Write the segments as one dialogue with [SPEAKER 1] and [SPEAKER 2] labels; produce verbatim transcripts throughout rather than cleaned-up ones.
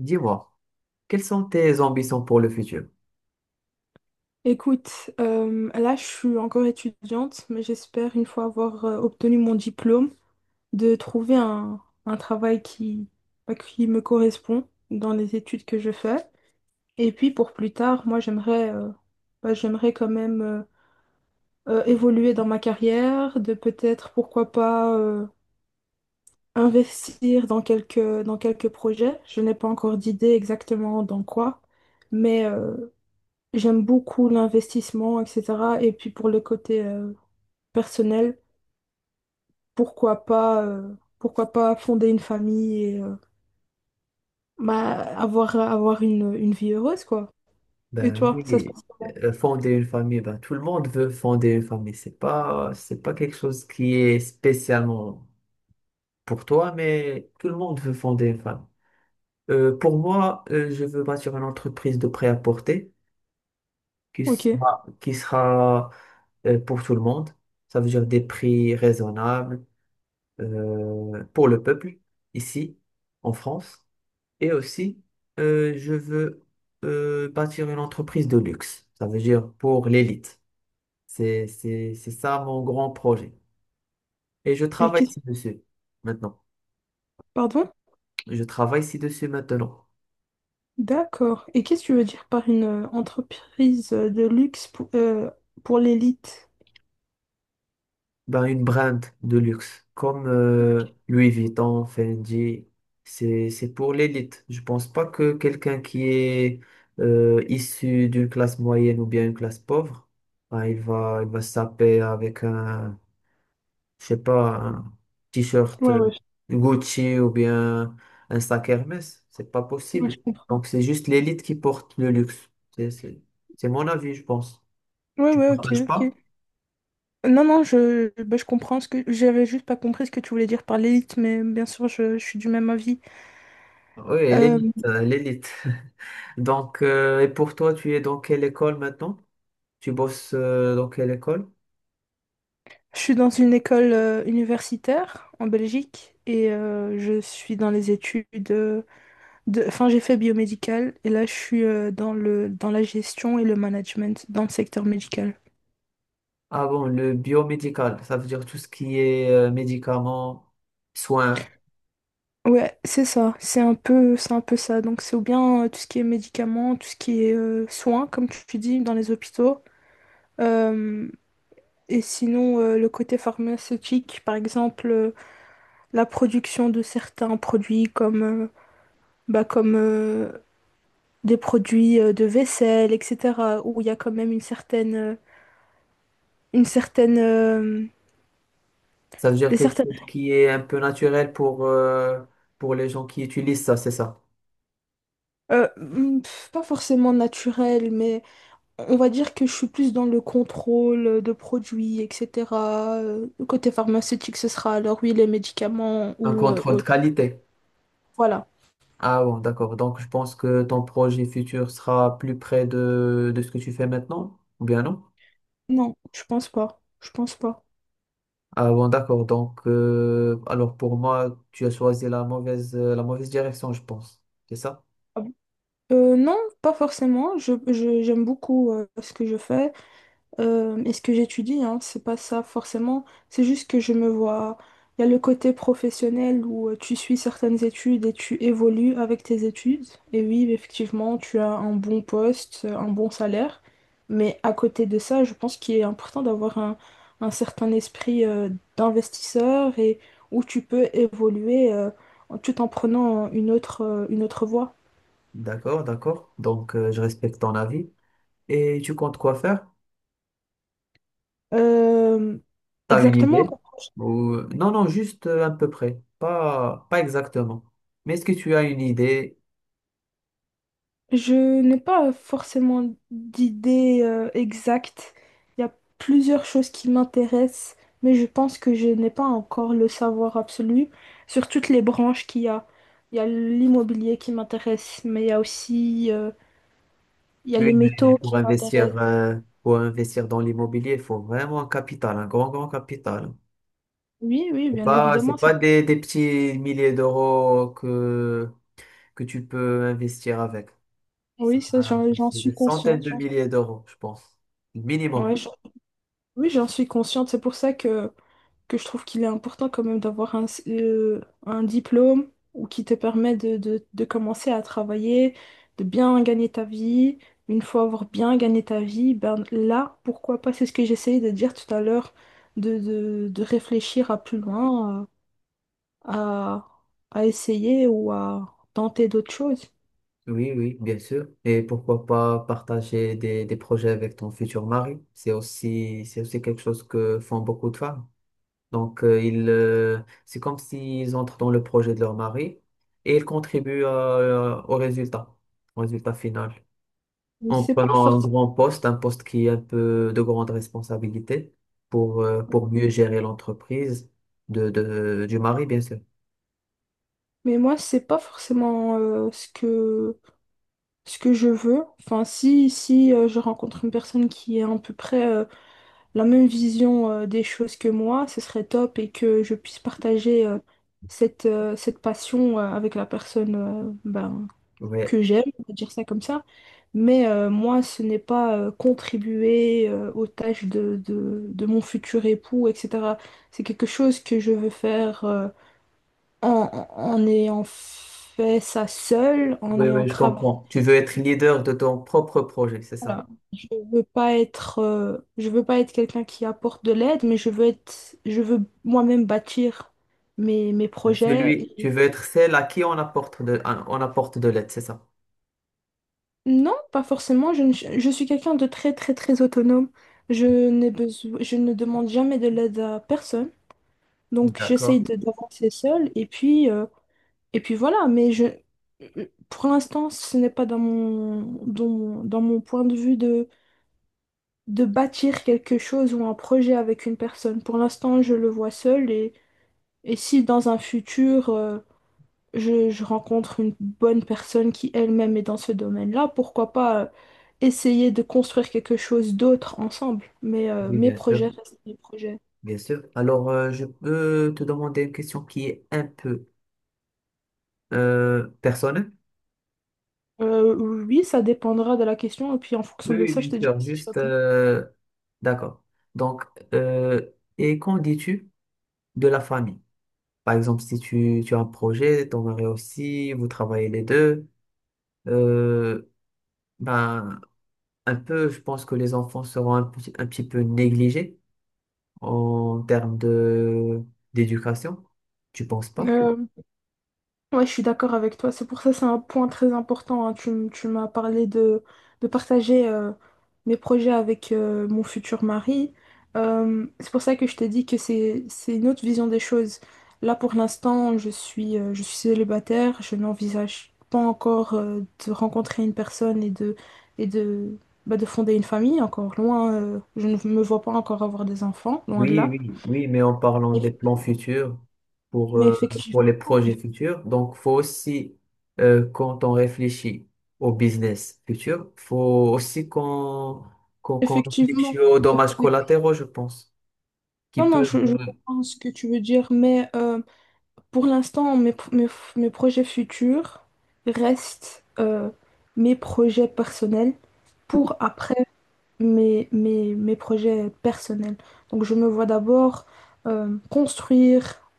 [SPEAKER 1] Dis-moi, quelles sont tes ambitions pour le futur?
[SPEAKER 2] Écoute, euh, là je suis encore étudiante, mais j'espère une fois avoir euh, obtenu mon diplôme, de trouver un, un travail qui, bah, qui me correspond dans les études que je fais. Et puis pour plus tard, moi j'aimerais euh, bah, j'aimerais quand même euh, euh, évoluer dans ma carrière, de peut-être pourquoi pas euh, investir dans quelques, dans quelques projets. Je n'ai pas encore d'idée exactement dans quoi, mais euh, j'aime beaucoup l'investissement, et cetera. Et puis pour le côté... euh, personnel, pourquoi pas, euh, pourquoi pas fonder une famille et euh, bah, avoir, avoir une, une vie heureuse, quoi. Et
[SPEAKER 1] Ben
[SPEAKER 2] toi, ça se
[SPEAKER 1] oui,
[SPEAKER 2] passe comment?
[SPEAKER 1] euh, fonder une famille, ben tout le monde veut fonder une famille. C'est pas, c'est pas quelque chose qui est spécialement pour toi, mais tout le monde veut fonder une famille. Euh, pour moi, euh, je veux bâtir une entreprise de prêt-à-porter qui
[SPEAKER 2] Ok.
[SPEAKER 1] sera, qui sera euh, pour tout le monde. Ça veut dire des prix raisonnables euh, pour le peuple ici en France. Et aussi, euh, je veux euh, bâtir une entreprise de luxe. Ça veut dire pour l'élite. C'est, c'est, c'est ça mon grand projet. Et je
[SPEAKER 2] Et
[SPEAKER 1] travaille
[SPEAKER 2] qu'est-ce...
[SPEAKER 1] ci-dessus maintenant.
[SPEAKER 2] Pardon?
[SPEAKER 1] Je travaille ci-dessus maintenant.
[SPEAKER 2] D'accord. Et qu'est-ce que tu veux dire par une euh, entreprise euh, de luxe pour, euh, pour l'élite?
[SPEAKER 1] Ben, une brand de luxe comme euh, Louis Vuitton, Fendi, c'est, c'est pour l'élite. Je pense pas que quelqu'un qui est euh, issu d'une classe moyenne ou bien une classe pauvre, ben, il va, il va se taper avec un je sais pas, un t-shirt
[SPEAKER 2] Ouais,
[SPEAKER 1] euh,
[SPEAKER 2] ouais,
[SPEAKER 1] Gucci ou bien un sac Hermès. C'est pas
[SPEAKER 2] je ouais,
[SPEAKER 1] possible.
[SPEAKER 2] je comprends.
[SPEAKER 1] Donc, c'est juste l'élite qui porte le luxe. C'est c'est- c'est mon avis, je pense.
[SPEAKER 2] Ouais,
[SPEAKER 1] Tu
[SPEAKER 2] ouais,
[SPEAKER 1] ne
[SPEAKER 2] ok,
[SPEAKER 1] partages
[SPEAKER 2] ok.
[SPEAKER 1] pas?
[SPEAKER 2] Non, non, je, bah, je comprends ce que j'avais juste pas compris ce que tu voulais dire par l'élite, mais bien sûr, je, je suis du même avis.
[SPEAKER 1] Oui, l'élite, euh, l'élite. Donc, euh, et pour toi, tu es dans quelle école maintenant? Tu bosses euh, dans quelle école?
[SPEAKER 2] Je suis dans une école euh, universitaire en Belgique et euh, je suis dans les études euh, de... Enfin, j'ai fait biomédical et là, je suis euh, dans le... dans la gestion et le management dans le secteur médical.
[SPEAKER 1] Ah bon, le biomédical, ça veut dire tout ce qui est euh, médicaments, soins.
[SPEAKER 2] Ouais, c'est ça. C'est un peu, c'est un peu ça. Donc, c'est ou bien euh, tout ce qui est médicaments, tout ce qui est euh, soins, comme tu dis, dans les hôpitaux. Euh, et sinon, euh, le côté pharmaceutique, par exemple, euh, la production de certains produits comme, euh, bah, comme euh, des produits euh, de vaisselle, et cetera, où il y a quand même une certaine, euh, une certaine, euh,
[SPEAKER 1] Ça veut dire
[SPEAKER 2] des
[SPEAKER 1] quelque
[SPEAKER 2] certaines,
[SPEAKER 1] chose qui est un peu naturel pour, euh, pour les gens qui utilisent ça, c'est ça.
[SPEAKER 2] euh, hmm, pff, pas forcément naturelle, mais on va dire que je suis plus dans le contrôle de produits, et cetera. Euh, Côté pharmaceutique, ce sera alors oui les médicaments
[SPEAKER 1] Un
[SPEAKER 2] ou euh,
[SPEAKER 1] contrôle de
[SPEAKER 2] autre.
[SPEAKER 1] qualité.
[SPEAKER 2] Voilà.
[SPEAKER 1] Ah bon, d'accord. Donc, je pense que ton projet futur sera plus près de, de ce que tu fais maintenant, ou bien non?
[SPEAKER 2] Non, je pense pas. Je pense pas.
[SPEAKER 1] Ah bon, d'accord. Donc, euh, alors pour moi, tu as choisi la mauvaise, euh, la mauvaise direction, je pense. C'est ça?
[SPEAKER 2] Ah bon. Euh, non, pas forcément. Je, je- j'aime beaucoup euh, ce que je fais. Euh, et ce que j'étudie, hein, c'est pas ça forcément. C'est juste que je me vois. Il y a le côté professionnel où euh, tu suis certaines études et tu évolues avec tes études. Et oui, effectivement, tu as un bon poste, euh, un bon salaire. Mais à côté de ça, je pense qu'il est important d'avoir un, un certain esprit euh, d'investisseur et où tu peux évoluer euh, en- tout en prenant une autre, euh, une autre voie.
[SPEAKER 1] D'accord, d'accord. Donc, euh, je respecte ton avis. Et tu comptes quoi faire?
[SPEAKER 2] Euh,
[SPEAKER 1] T'as une
[SPEAKER 2] Exactement.
[SPEAKER 1] idée? Ou... Non, non, juste euh, à peu près. Pas, pas exactement. Mais est-ce que tu as une idée?
[SPEAKER 2] Je n'ai pas forcément d'idée euh, exacte. Il y a plusieurs choses qui m'intéressent, mais je pense que je n'ai pas encore le savoir absolu sur toutes les branches qu'il y a. Il y a l'immobilier qui m'intéresse, mais il y a aussi euh, il y a
[SPEAKER 1] Tu as
[SPEAKER 2] les
[SPEAKER 1] une idée.
[SPEAKER 2] métaux
[SPEAKER 1] Pour
[SPEAKER 2] qui m'intéressent.
[SPEAKER 1] investir, euh, pour investir dans l'immobilier, il faut vraiment un capital, un grand, grand capital.
[SPEAKER 2] Oui, oui,
[SPEAKER 1] C'est
[SPEAKER 2] bien
[SPEAKER 1] pas, c'est
[SPEAKER 2] évidemment. c'est-
[SPEAKER 1] pas des, des petits milliers d'euros que, que tu peux investir avec. Ça,
[SPEAKER 2] Oui, ça, j'en j'en
[SPEAKER 1] c'est des
[SPEAKER 2] suis
[SPEAKER 1] centaines
[SPEAKER 2] consciente.
[SPEAKER 1] de
[SPEAKER 2] j'en-
[SPEAKER 1] milliers d'euros, je pense. Minimum.
[SPEAKER 2] ouais, j'en- Oui, j'en suis consciente. C'est pour ça que que je trouve qu'il est important quand même d'avoir un, euh, un diplôme ou qui te permet de, de- de commencer à travailler, de bien gagner ta vie. Une fois avoir bien gagné ta vie, ben là, pourquoi pas, c'est ce que j'essayais de dire tout à l'heure, de, de- de réfléchir à plus loin, à, à à essayer ou à tenter d'autres choses.
[SPEAKER 1] Oui, oui, bien sûr. Et pourquoi pas partager des, des projets avec ton futur mari? C'est aussi, c'est aussi quelque chose que font beaucoup de femmes. Donc, euh, ils, euh, c'est comme s'ils entrent dans le projet de leur mari et ils contribuent euh, au résultat, au résultat final. En
[SPEAKER 2] C'est pas
[SPEAKER 1] prenant un
[SPEAKER 2] forcément...
[SPEAKER 1] grand poste, un poste qui est un peu de grande responsabilité pour, euh, pour mieux gérer l'entreprise de, de, du mari, bien sûr.
[SPEAKER 2] Mais moi, c'est pas forcément euh, ce que, ce que je veux. Enfin, si, si euh, je rencontre une personne qui est à peu près euh, la même vision euh, des choses que moi, ce serait top et que je puisse partager euh, cette, euh, cette passion euh, avec la personne euh, ben,
[SPEAKER 1] Oui,
[SPEAKER 2] que j'aime, on va dire ça comme ça. Mais euh, moi, ce n'est pas euh, contribuer euh, aux tâches de, de, de mon futur époux, et cetera. C'est quelque chose que je veux faire euh, en, en en ayant fait ça seule, en
[SPEAKER 1] oui,
[SPEAKER 2] ayant
[SPEAKER 1] oui, je
[SPEAKER 2] travaillé.
[SPEAKER 1] comprends. Tu veux être leader de ton propre projet, c'est ça?
[SPEAKER 2] Voilà. Je veux pas être, euh, je veux pas être quelqu'un qui apporte de l'aide, mais je veux être, je veux moi-même bâtir mes, mes projets.
[SPEAKER 1] Celui,
[SPEAKER 2] Et
[SPEAKER 1] tu veux être celle à qui on apporte de, on apporte de l'aide, c'est ça?
[SPEAKER 2] non, pas forcément. Je, ne- Je suis quelqu'un de très, très, très autonome. Je n'ai besoin, Je ne demande jamais de l'aide à personne. Donc, j'essaye
[SPEAKER 1] D'accord.
[SPEAKER 2] de d'avancer seule. Et puis, euh, et puis voilà. Mais je, pour l'instant, ce n'est pas dans mon, dans mon, dans mon point de vue de de bâtir quelque chose ou un projet avec une personne. Pour l'instant, je le vois seul. Et si dans un futur, euh, je, je rencontre une bonne personne qui elle-même est dans ce domaine-là, pourquoi pas euh, essayer de construire quelque chose d'autre ensemble. Mais euh,
[SPEAKER 1] Oui,
[SPEAKER 2] mes
[SPEAKER 1] bien sûr,
[SPEAKER 2] projets restent mes projets.
[SPEAKER 1] bien sûr. Alors, euh, je peux te demander une question qui est un peu euh, personnelle?
[SPEAKER 2] Euh, oui, ça dépendra de la question, et puis en
[SPEAKER 1] Oui,
[SPEAKER 2] fonction de
[SPEAKER 1] oui,
[SPEAKER 2] ça, je
[SPEAKER 1] bien
[SPEAKER 2] te dirai
[SPEAKER 1] sûr,
[SPEAKER 2] si je
[SPEAKER 1] juste... euh, d'accord. Donc, euh, et qu'en dis-tu de la famille? Par exemple, si tu, tu as un projet, ton mari aussi, vous travaillez les deux, euh, ben, un peu, je pense que les enfants seront un, petit- un petit peu négligés. En termes de d'éducation? Tu penses pas?
[SPEAKER 2] réponds. Ouais, je suis d'accord avec toi. C'est pour ça que c'est un point très important, hein. Tu, m- tu m'as parlé de, de partager euh, mes projets avec euh, mon futur mari. Euh, c'est pour ça que je t'ai dit que c'est, c'est une autre vision des choses. Là, pour l'instant, je suis, euh, je suis célibataire. Je n'envisage pas encore euh, de rencontrer une personne et de, et de, bah, de fonder une famille. Encore loin, euh, je ne me vois pas encore avoir des enfants, loin de
[SPEAKER 1] Oui,
[SPEAKER 2] là.
[SPEAKER 1] oui, oui, mais en parlant des plans futurs pour,
[SPEAKER 2] Mais
[SPEAKER 1] euh, pour les
[SPEAKER 2] effectivement,
[SPEAKER 1] projets futurs, donc faut aussi, euh, quand on réfléchit au business futur, faut aussi qu'on qu'on qu'on
[SPEAKER 2] effectivement.
[SPEAKER 1] réfléchisse aux dommages collatéraux, je pense, qui
[SPEAKER 2] Non, non,
[SPEAKER 1] peuvent...
[SPEAKER 2] je, je comprends ce que tu veux dire, mais euh, pour l'instant, mes, pro- mes, f- mes projets futurs restent euh, mes projets personnels pour après mes, mes, mes projets personnels. Donc, je me vois d'abord euh, construire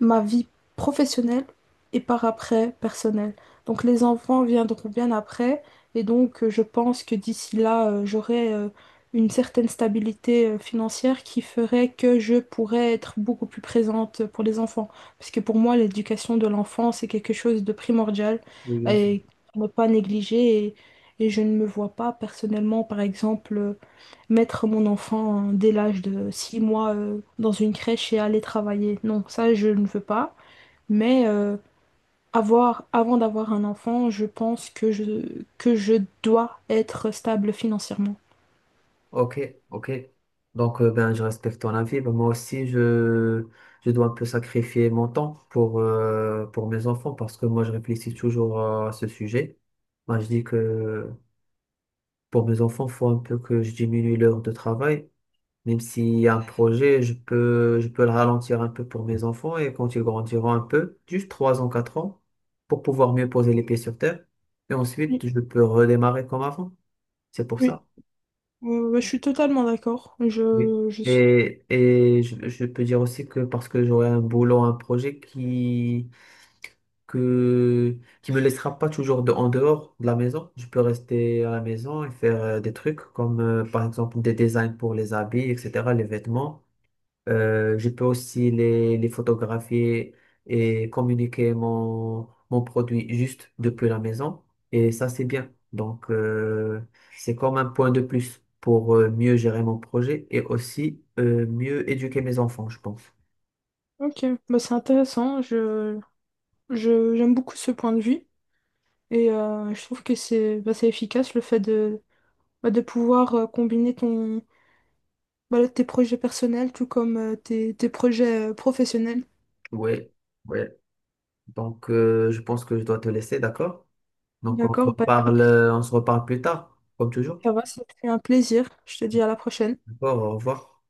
[SPEAKER 2] ma vie professionnelle et par après personnelle. Donc les enfants viendront bien après et donc euh, je pense que d'ici là, euh, j'aurai euh, une certaine stabilité euh, financière qui ferait que je pourrais être beaucoup plus présente pour les enfants. Parce que pour moi, l'éducation de l'enfant, c'est quelque chose de primordial
[SPEAKER 1] Oui, bien sûr.
[SPEAKER 2] et à ne pas négliger et, et je ne me vois pas personnellement, par exemple, euh, mettre mon enfant dès l'âge de six mois euh, dans une crèche et aller travailler. Non, ça, je ne veux pas. Mais euh, avoir, avant d'avoir un enfant, je pense que je, que je dois être stable financièrement.
[SPEAKER 1] Ok, ok. Donc, euh, ben, je respecte ton avis. Ben, moi aussi, je, je dois un peu sacrifier mon temps pour, euh, pour mes enfants parce que moi, je réfléchis toujours à ce sujet. Moi, je dis que pour mes enfants, il faut un peu que je diminue l'heure de travail. Même s'il y a un projet, je peux, je peux le ralentir un peu pour mes enfants et quand ils grandiront un peu, juste trois ans, quatre ans, pour pouvoir mieux poser les pieds sur terre. Et
[SPEAKER 2] Oui,
[SPEAKER 1] ensuite, je peux redémarrer comme avant. C'est pour
[SPEAKER 2] oui.
[SPEAKER 1] ça.
[SPEAKER 2] Euh, ouais, je suis totalement d'accord.
[SPEAKER 1] Oui.
[SPEAKER 2] Je, je suis...
[SPEAKER 1] Et, et je, je peux dire aussi que parce que j'aurai un boulot, un projet qui, que, qui me laissera pas toujours de, en dehors de la maison. Je peux rester à la maison et faire euh, des trucs comme euh, par exemple des designs pour les habits, et cetera, les vêtements. Euh, je peux aussi les, les photographier et communiquer mon, mon produit juste depuis la maison. Et ça, c'est bien. Donc, euh, c'est comme un point de plus pour euh, mieux gérer mon projet et aussi euh, mieux éduquer mes enfants, je pense.
[SPEAKER 2] Ok, bah, c'est intéressant. Je, je, j'aime beaucoup ce point de vue. Et euh, je trouve que c'est bah, c'est efficace le fait de, bah, de pouvoir euh, combiner ton, voilà, tes projets personnels, tout comme euh, tes, tes projets euh, professionnels.
[SPEAKER 1] Ouais, ouais. Donc, euh, je pense que je dois te laisser, d'accord? Donc, on se
[SPEAKER 2] D'accord, bah,
[SPEAKER 1] reparle,
[SPEAKER 2] écoute,
[SPEAKER 1] euh, on se reparle plus tard, comme toujours.
[SPEAKER 2] ça va, c'était un plaisir. Je te dis à la prochaine.
[SPEAKER 1] D'accord, au revoir.